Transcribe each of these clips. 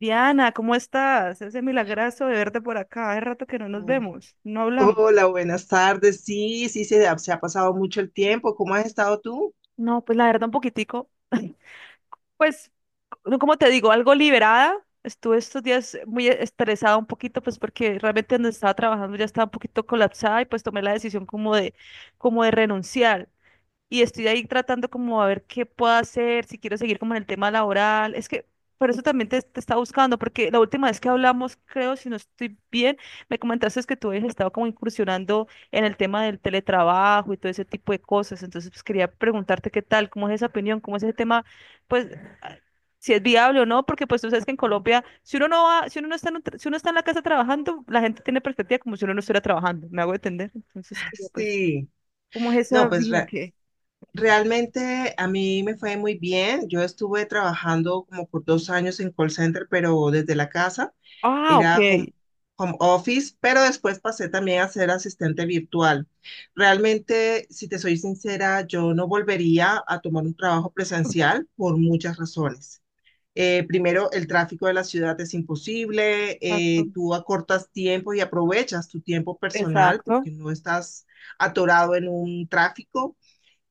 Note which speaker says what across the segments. Speaker 1: Diana, ¿cómo estás? Ese milagrazo de verte por acá. Hace rato que no nos
Speaker 2: Mm.
Speaker 1: vemos, no hablamos.
Speaker 2: Hola, buenas tardes. Sí, sí, se ha pasado mucho el tiempo. ¿Cómo has estado tú?
Speaker 1: No, pues la verdad un poquitico, pues, no, como te digo, algo liberada. Estuve estos días muy estresada un poquito, pues porque realmente donde estaba trabajando ya estaba un poquito colapsada y pues tomé la decisión como de renunciar. Y estoy ahí tratando como a ver qué puedo hacer, si quiero seguir como en el tema laboral. Es que por eso también te estaba buscando, porque la última vez que hablamos, creo, si no estoy bien, me comentaste es que tú habías estado como incursionando en el tema del teletrabajo y todo ese tipo de cosas. Entonces, pues quería preguntarte qué tal, cómo es esa opinión, cómo es ese tema, pues a- si es viable o no, porque pues tú sabes que en Colombia, si uno no está en, si uno está en la casa trabajando, la gente tiene perspectiva como si uno no estuviera trabajando, me hago entender. Entonces, quería pues,
Speaker 2: Sí,
Speaker 1: ¿cómo es esa
Speaker 2: no,
Speaker 1: vida? ¿Qué?
Speaker 2: realmente a mí me fue muy bien. Yo estuve trabajando como por 2 años en call center, pero desde la casa.
Speaker 1: Ah, ok.
Speaker 2: Era home, Home office, pero después pasé también a ser asistente virtual. Realmente, si te soy sincera, yo no volvería a tomar un trabajo presencial por muchas razones. Primero, el tráfico de la ciudad es imposible,
Speaker 1: Exacto.
Speaker 2: tú acortas tiempo y aprovechas tu tiempo personal
Speaker 1: Exacto.
Speaker 2: porque no estás atorado en un tráfico.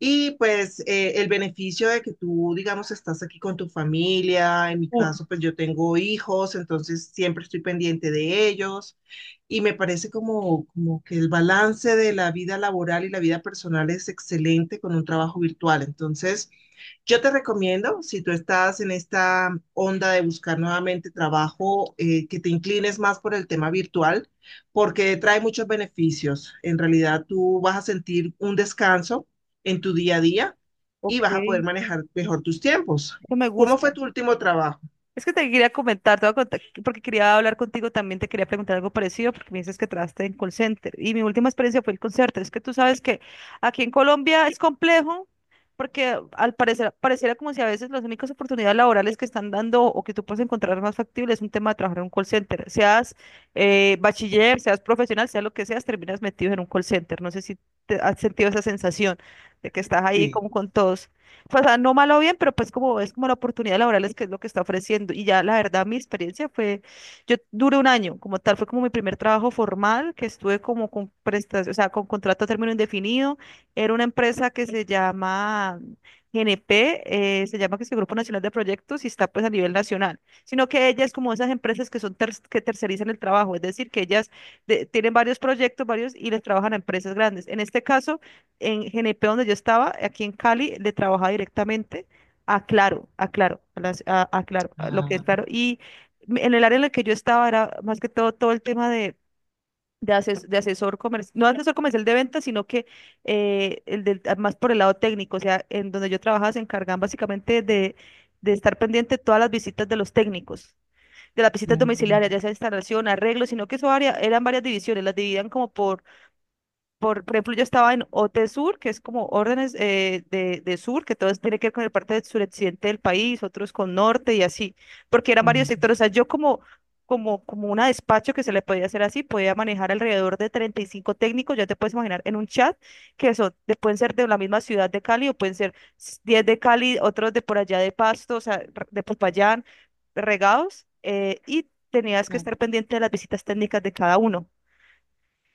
Speaker 2: Y pues el beneficio de que tú, digamos, estás aquí con tu familia, en mi
Speaker 1: Uf,
Speaker 2: caso, pues yo tengo hijos, entonces siempre estoy pendiente de ellos. Y me parece como que el balance de la vida laboral y la vida personal es excelente con un trabajo virtual. Entonces, yo te recomiendo, si tú estás en esta onda de buscar nuevamente trabajo, que te inclines más por el tema virtual, porque trae muchos beneficios. En realidad, tú vas a sentir un descanso en tu día a día y vas a poder
Speaker 1: ok.
Speaker 2: manejar mejor tus tiempos.
Speaker 1: Eso me
Speaker 2: ¿Cómo fue
Speaker 1: gusta.
Speaker 2: tu último trabajo?
Speaker 1: Es que te quería comentar, te voy a contar, porque quería hablar contigo también, te quería preguntar algo parecido, porque me dices que trabajaste en call center. Y mi última experiencia fue el call center. Es que tú sabes que aquí en Colombia es complejo, porque al parecer, pareciera como si a veces las únicas oportunidades laborales que están dando o que tú puedes encontrar más factible es un tema de trabajar en un call center. Seas bachiller, seas profesional, sea lo que seas, terminas metido en un call center. No sé si te has sentido esa sensación de que estás ahí
Speaker 2: Sí.
Speaker 1: como con todos pues, o sea, no malo o bien, pero pues como es como la oportunidad laboral es que es lo que está ofreciendo. Y ya la verdad, mi experiencia fue, yo duré un año, como tal, fue como mi primer trabajo formal, que estuve como con prestación, o sea, con contrato a término indefinido. Era una empresa que se llama GNP, se llama que es el Grupo Nacional de Proyectos y está pues a nivel nacional. Sino que ella es como esas empresas que son que tercerizan el trabajo, es decir, que ellas tienen varios proyectos, varios, y les trabajan a empresas grandes. En este caso, en GNP donde yo estaba, aquí en Cali, le trabajaba directamente a Claro, a lo que es
Speaker 2: Ah,
Speaker 1: Claro. Y en el área en la que yo estaba era más que todo el tema de asesor comercial, no asesor comercial de ventas, sino que más por el lado técnico, o sea, en donde yo trabajaba se encargaban básicamente de estar pendiente de todas las visitas de los técnicos. De las visitas domiciliarias,
Speaker 2: mm,
Speaker 1: ya sea instalación, arreglo, sino que eso área, eran varias divisiones, las dividían por ejemplo, yo estaba en OT Sur, que es como órdenes de sur, que todo tiene que ver con el parte del suroccidente del país, otros con norte y así, porque eran varios
Speaker 2: mm,
Speaker 1: sectores. O sea, yo como una despacho que se le podía hacer así, podía manejar alrededor de 35 técnicos, ya te puedes imaginar, en un chat, que eso, pueden ser de la misma ciudad de Cali o pueden ser 10 de Cali, otros de por allá de Pasto, o sea, de Popayán, regados, y tenías que
Speaker 2: ah,
Speaker 1: estar pendiente de las visitas técnicas de cada uno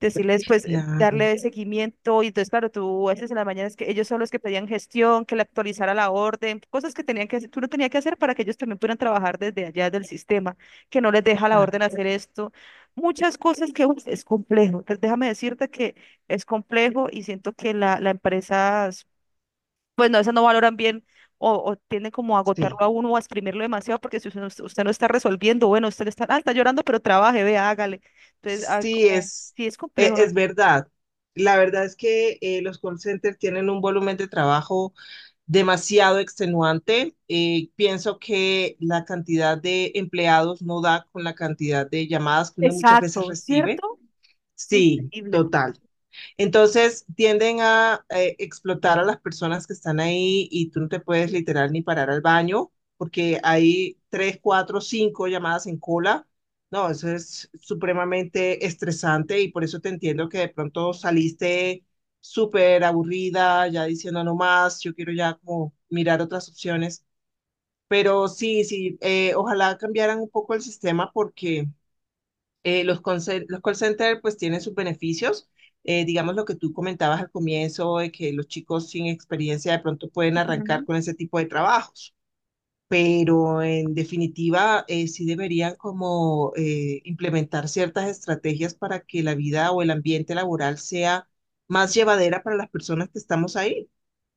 Speaker 1: decirles, pues,
Speaker 2: claro,
Speaker 1: darle seguimiento. Y entonces, claro, tú a veces en las mañanas que ellos son los que pedían gestión, que le actualizara la orden, cosas que tenían que hacer, tú no tenías que hacer para que ellos también pudieran trabajar desde allá del sistema, que no les deja la
Speaker 2: claro.
Speaker 1: orden hacer esto. Muchas cosas que uy, es complejo. Entonces, déjame decirte que es complejo y siento que la empresa, pues, no, a veces no valoran bien. O tienden como a agotarlo
Speaker 2: Sí,
Speaker 1: a uno o a exprimirlo demasiado porque si usted no está resolviendo, bueno, usted está, está llorando, pero trabaje, vea, hágale. Entonces,
Speaker 2: sí,
Speaker 1: como, sí es complejo, ¿no?
Speaker 2: es verdad. La verdad es que los call centers tienen un volumen de trabajo demasiado extenuante. Pienso que la cantidad de empleados no da con la cantidad de llamadas que uno muchas veces
Speaker 1: Exacto,
Speaker 2: recibe.
Speaker 1: ¿cierto? Es
Speaker 2: Sí,
Speaker 1: increíble.
Speaker 2: total. Entonces tienden a explotar a las personas que están ahí y tú no te puedes literal ni parar al baño porque hay 3, 4, 5 llamadas en cola. No, eso es supremamente estresante y por eso te entiendo que de pronto saliste súper aburrida, ya diciendo no más, yo quiero ya como mirar otras opciones. Pero sí, sí, ojalá cambiaran un poco el sistema porque los call center pues tienen sus beneficios. Digamos lo que tú comentabas al comienzo, de que los chicos sin experiencia de pronto pueden arrancar
Speaker 1: Ujú.
Speaker 2: con ese tipo de trabajos, pero en definitiva sí deberían como implementar ciertas estrategias para que la vida o el ambiente laboral sea más llevadera para las personas que estamos ahí.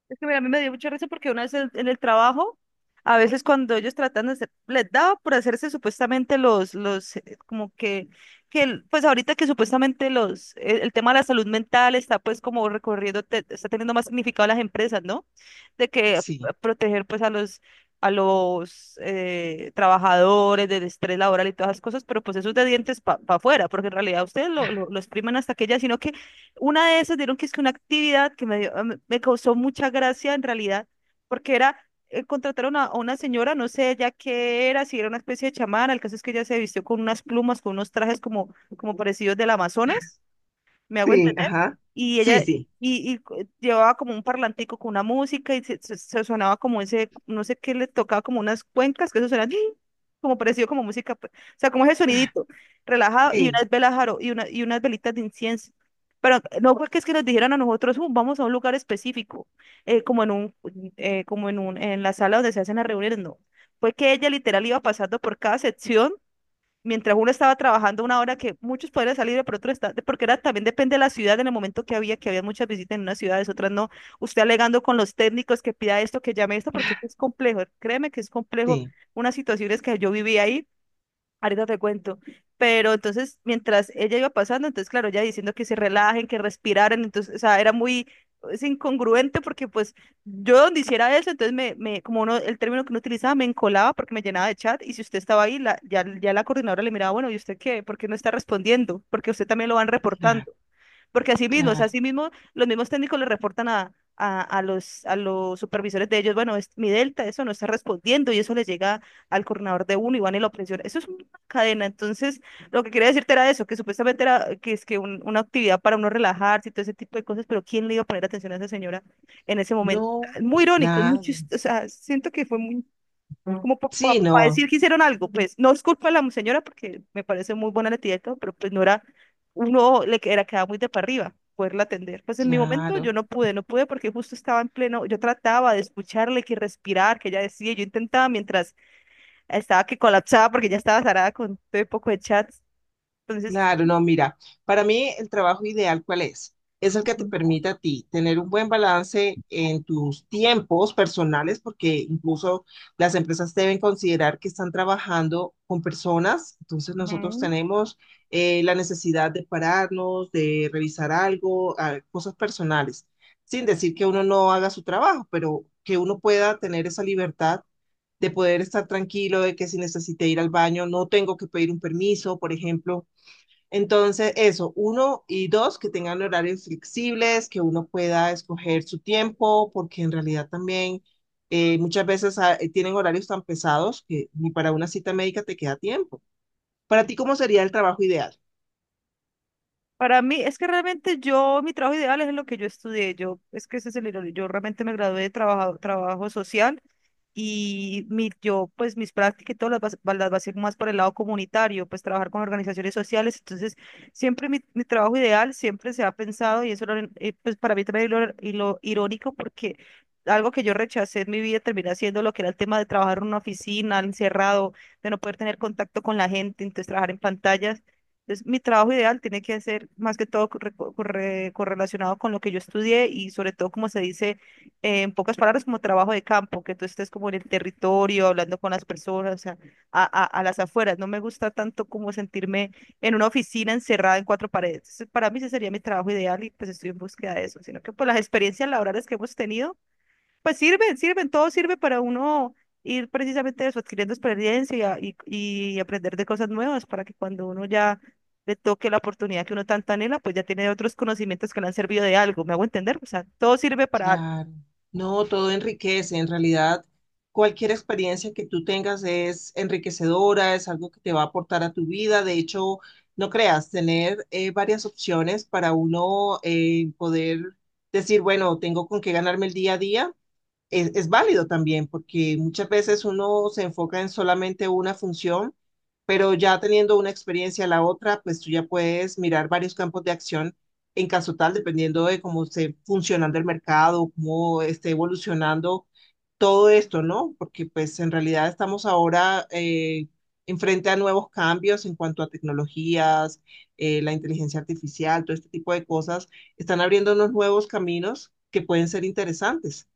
Speaker 1: Es que mira, a mí me dio mucha risa porque una vez en el trabajo, a veces cuando ellos tratan de hacer, les daba por hacerse supuestamente como que, pues ahorita que supuestamente el tema de la salud mental está pues como recorriendo, está teniendo más significado las empresas, ¿no? De que
Speaker 2: Sí,
Speaker 1: proteger pues a los trabajadores del estrés laboral y todas esas cosas, pero pues eso es de dientes para afuera, porque en realidad ustedes lo exprimen hasta que ya, sino que una de esas dieron que es que una actividad que me causó mucha gracia en realidad, porque era contrataron a una señora, no sé ya qué era, si era una especie de chamana, el caso es que ella se vistió con unas plumas, con unos trajes como parecidos del Amazonas. ¿Me hago
Speaker 2: sí,
Speaker 1: entender?
Speaker 2: ajá.
Speaker 1: Y
Speaker 2: Sí,
Speaker 1: ella,
Speaker 2: sí,
Speaker 1: llevaba como un parlantico con una música y se sonaba como ese, no sé qué le tocaba, como unas cuencas, que eso suena como parecido como música, pues, o sea, como ese sonidito, relajado, y
Speaker 2: sí,
Speaker 1: unas velas jaro, y unas velitas de incienso. Pero no fue que es que nos dijeran a nosotros: vamos a un lugar específico, eh, como en un, en la sala donde se hacen las reuniones", no. Fue que ella literal iba pasando por cada sección mientras uno estaba trabajando una hora que muchos podrían salir, pero otros está, porque era también depende de la ciudad en el momento que había, muchas visitas en unas ciudades, otras no. Usted alegando con los técnicos que pida esto, que llame esto, porque esto es complejo. Créeme que es complejo
Speaker 2: sí,
Speaker 1: unas situaciones que yo viví ahí ahorita te cuento. Pero entonces, mientras ella iba pasando, entonces, claro, ella diciendo que se relajen, que respiraran, entonces, o sea, era muy es incongruente porque, pues, yo donde hiciera eso, entonces, como uno, el término que uno utilizaba, me encolaba porque me llenaba de chat, y si usted estaba ahí, ya la coordinadora le miraba, bueno, ¿y usted qué? ¿Por qué no está respondiendo? Porque usted también lo van
Speaker 2: claro,
Speaker 1: reportando porque así mismo, o sea,
Speaker 2: claro.
Speaker 1: así mismo los mismos técnicos le reportan a los supervisores de ellos, bueno, es, mi delta, eso no está respondiendo y eso le llega al coordinador de uno y van y lo presiona. Eso es una cadena. Entonces, lo que quería decirte era eso, que supuestamente era que es que una actividad para uno relajarse y todo ese tipo de cosas, pero ¿quién le iba a poner atención a esa señora en ese momento?
Speaker 2: No,
Speaker 1: Muy irónico, es muy
Speaker 2: nada.
Speaker 1: o sea, siento que fue muy como
Speaker 2: Sí,
Speaker 1: para
Speaker 2: no,
Speaker 1: decir que hicieron algo, pues no es culpa de la señora porque me parece muy buena la tía y todo, pero pues no era, uno le que- era quedaba muy de para arriba poderla atender. Pues en mi momento yo
Speaker 2: claro.
Speaker 1: no pude, no pude porque justo estaba en pleno, yo trataba de escucharle, que respirar, que ella decía, yo intentaba mientras estaba que colapsaba porque ya estaba zarada con todo el poco de chats. Entonces,
Speaker 2: Claro, no, mira, para mí el trabajo ideal, ¿cuál es? Es el que te permite a ti tener un buen balance en tus tiempos personales, porque incluso las empresas deben considerar que están trabajando con personas, entonces nosotros
Speaker 1: ujú.
Speaker 2: tenemos la necesidad de pararnos, de revisar algo, ah, cosas personales, sin decir que uno no haga su trabajo, pero que uno pueda tener esa libertad de poder estar tranquilo, de que si necesite ir al baño, no tengo que pedir un permiso, por ejemplo. Entonces, eso, uno y dos, que tengan horarios flexibles, que uno pueda escoger su tiempo, porque en realidad también muchas veces tienen horarios tan pesados que ni para una cita médica te queda tiempo. Para ti, ¿cómo sería el trabajo ideal?
Speaker 1: Para mí, es que realmente yo, mi trabajo ideal es lo que yo estudié. Yo, es que ese es el error. Yo realmente me gradué de trabajo social y pues mis prácticas y todo las basé más por el lado comunitario, pues trabajar con organizaciones sociales. Entonces, siempre mi trabajo ideal siempre se ha pensado y eso era, pues para mí también y lo irónico porque algo que yo rechacé en mi vida termina siendo lo que era el tema de trabajar en una oficina, encerrado, de no poder tener contacto con la gente, entonces trabajar en pantallas. Entonces, mi trabajo ideal tiene que ser más que todo correlacionado con lo que yo estudié y sobre todo, como se dice en pocas palabras, como trabajo de campo, que tú estés como en el territorio, hablando con las personas, o sea, a las afueras. No me gusta tanto como sentirme en una oficina encerrada en cuatro paredes. Entonces, para mí ese sería mi trabajo ideal y pues estoy en búsqueda de eso, sino que por las experiencias laborales que hemos tenido pues sirve, sirven, todo sirve para uno ir precisamente eso, adquiriendo experiencia y aprender de cosas nuevas para que cuando uno ya le toque la oportunidad que uno tanto anhela, pues ya tiene otros conocimientos que le han servido de algo, ¿me hago entender? O sea, todo sirve para algo.
Speaker 2: Claro, no, todo enriquece. En realidad, cualquier experiencia que tú tengas es enriquecedora, es algo que te va a aportar a tu vida. De hecho, no creas, tener varias opciones para uno poder decir, bueno, tengo con qué ganarme el día a día es válido también, porque muchas veces uno se enfoca en solamente una función, pero ya teniendo una experiencia la otra, pues tú ya puedes mirar varios campos de acción en caso tal, dependiendo de cómo esté funcionando el mercado, cómo esté evolucionando todo esto, ¿no? Porque pues en realidad estamos ahora enfrente a nuevos cambios en cuanto a tecnologías, la inteligencia artificial, todo este tipo de cosas, están abriendo unos nuevos caminos que pueden ser interesantes.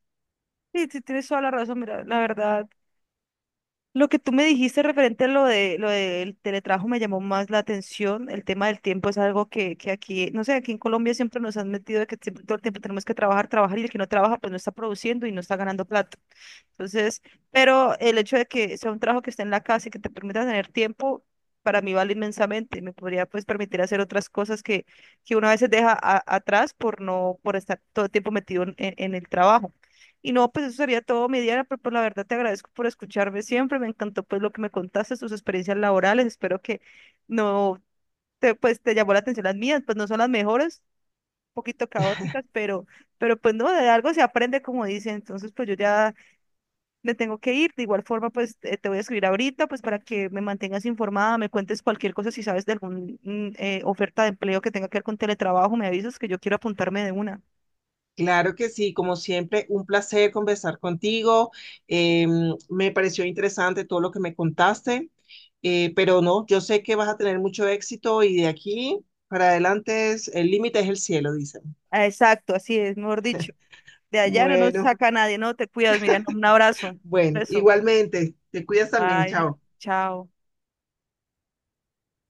Speaker 1: Sí, sí, tienes toda la razón, mira, la verdad, lo que tú me dijiste referente a lo de lo del teletrabajo me llamó más la atención, el tema del tiempo es algo que aquí, no sé, aquí en Colombia siempre nos han metido de que todo el tiempo tenemos que trabajar, trabajar y el que no trabaja pues no está produciendo y no está ganando plata. Entonces, pero el hecho de que sea un trabajo que esté en la casa y que te permita tener tiempo, para mí vale inmensamente. Me podría pues permitir hacer otras cosas que uno a veces deja atrás por no, por estar todo el tiempo metido en el trabajo. Y no, pues eso sería todo mi día, pero pues la verdad te agradezco por escucharme siempre. Me encantó pues lo que me contaste, tus experiencias laborales. Espero que no te, pues te llamó la atención las mías, pues no son las mejores, un poquito caóticas, pero, pues no, de algo se aprende como dicen. Entonces, pues yo ya me tengo que ir. De igual forma, pues te voy a escribir ahorita, pues para que me mantengas informada, me cuentes cualquier cosa, si sabes de alguna oferta de empleo que tenga que ver con teletrabajo, me avisas que yo quiero apuntarme de una.
Speaker 2: Claro que sí, como siempre, un placer conversar contigo. Eh, Me pareció interesante todo lo que me contaste, pero no, yo sé que vas a tener mucho éxito y de aquí para adelante es, el límite es el cielo, dicen.
Speaker 1: Ah, exacto, así es, mejor dicho. De allá no nos
Speaker 2: Bueno,
Speaker 1: saca nadie, no te cuidas, Miriam. Un abrazo. Un
Speaker 2: bueno,
Speaker 1: beso.
Speaker 2: igualmente, te cuidas también,
Speaker 1: Bye.
Speaker 2: chao.
Speaker 1: Chao.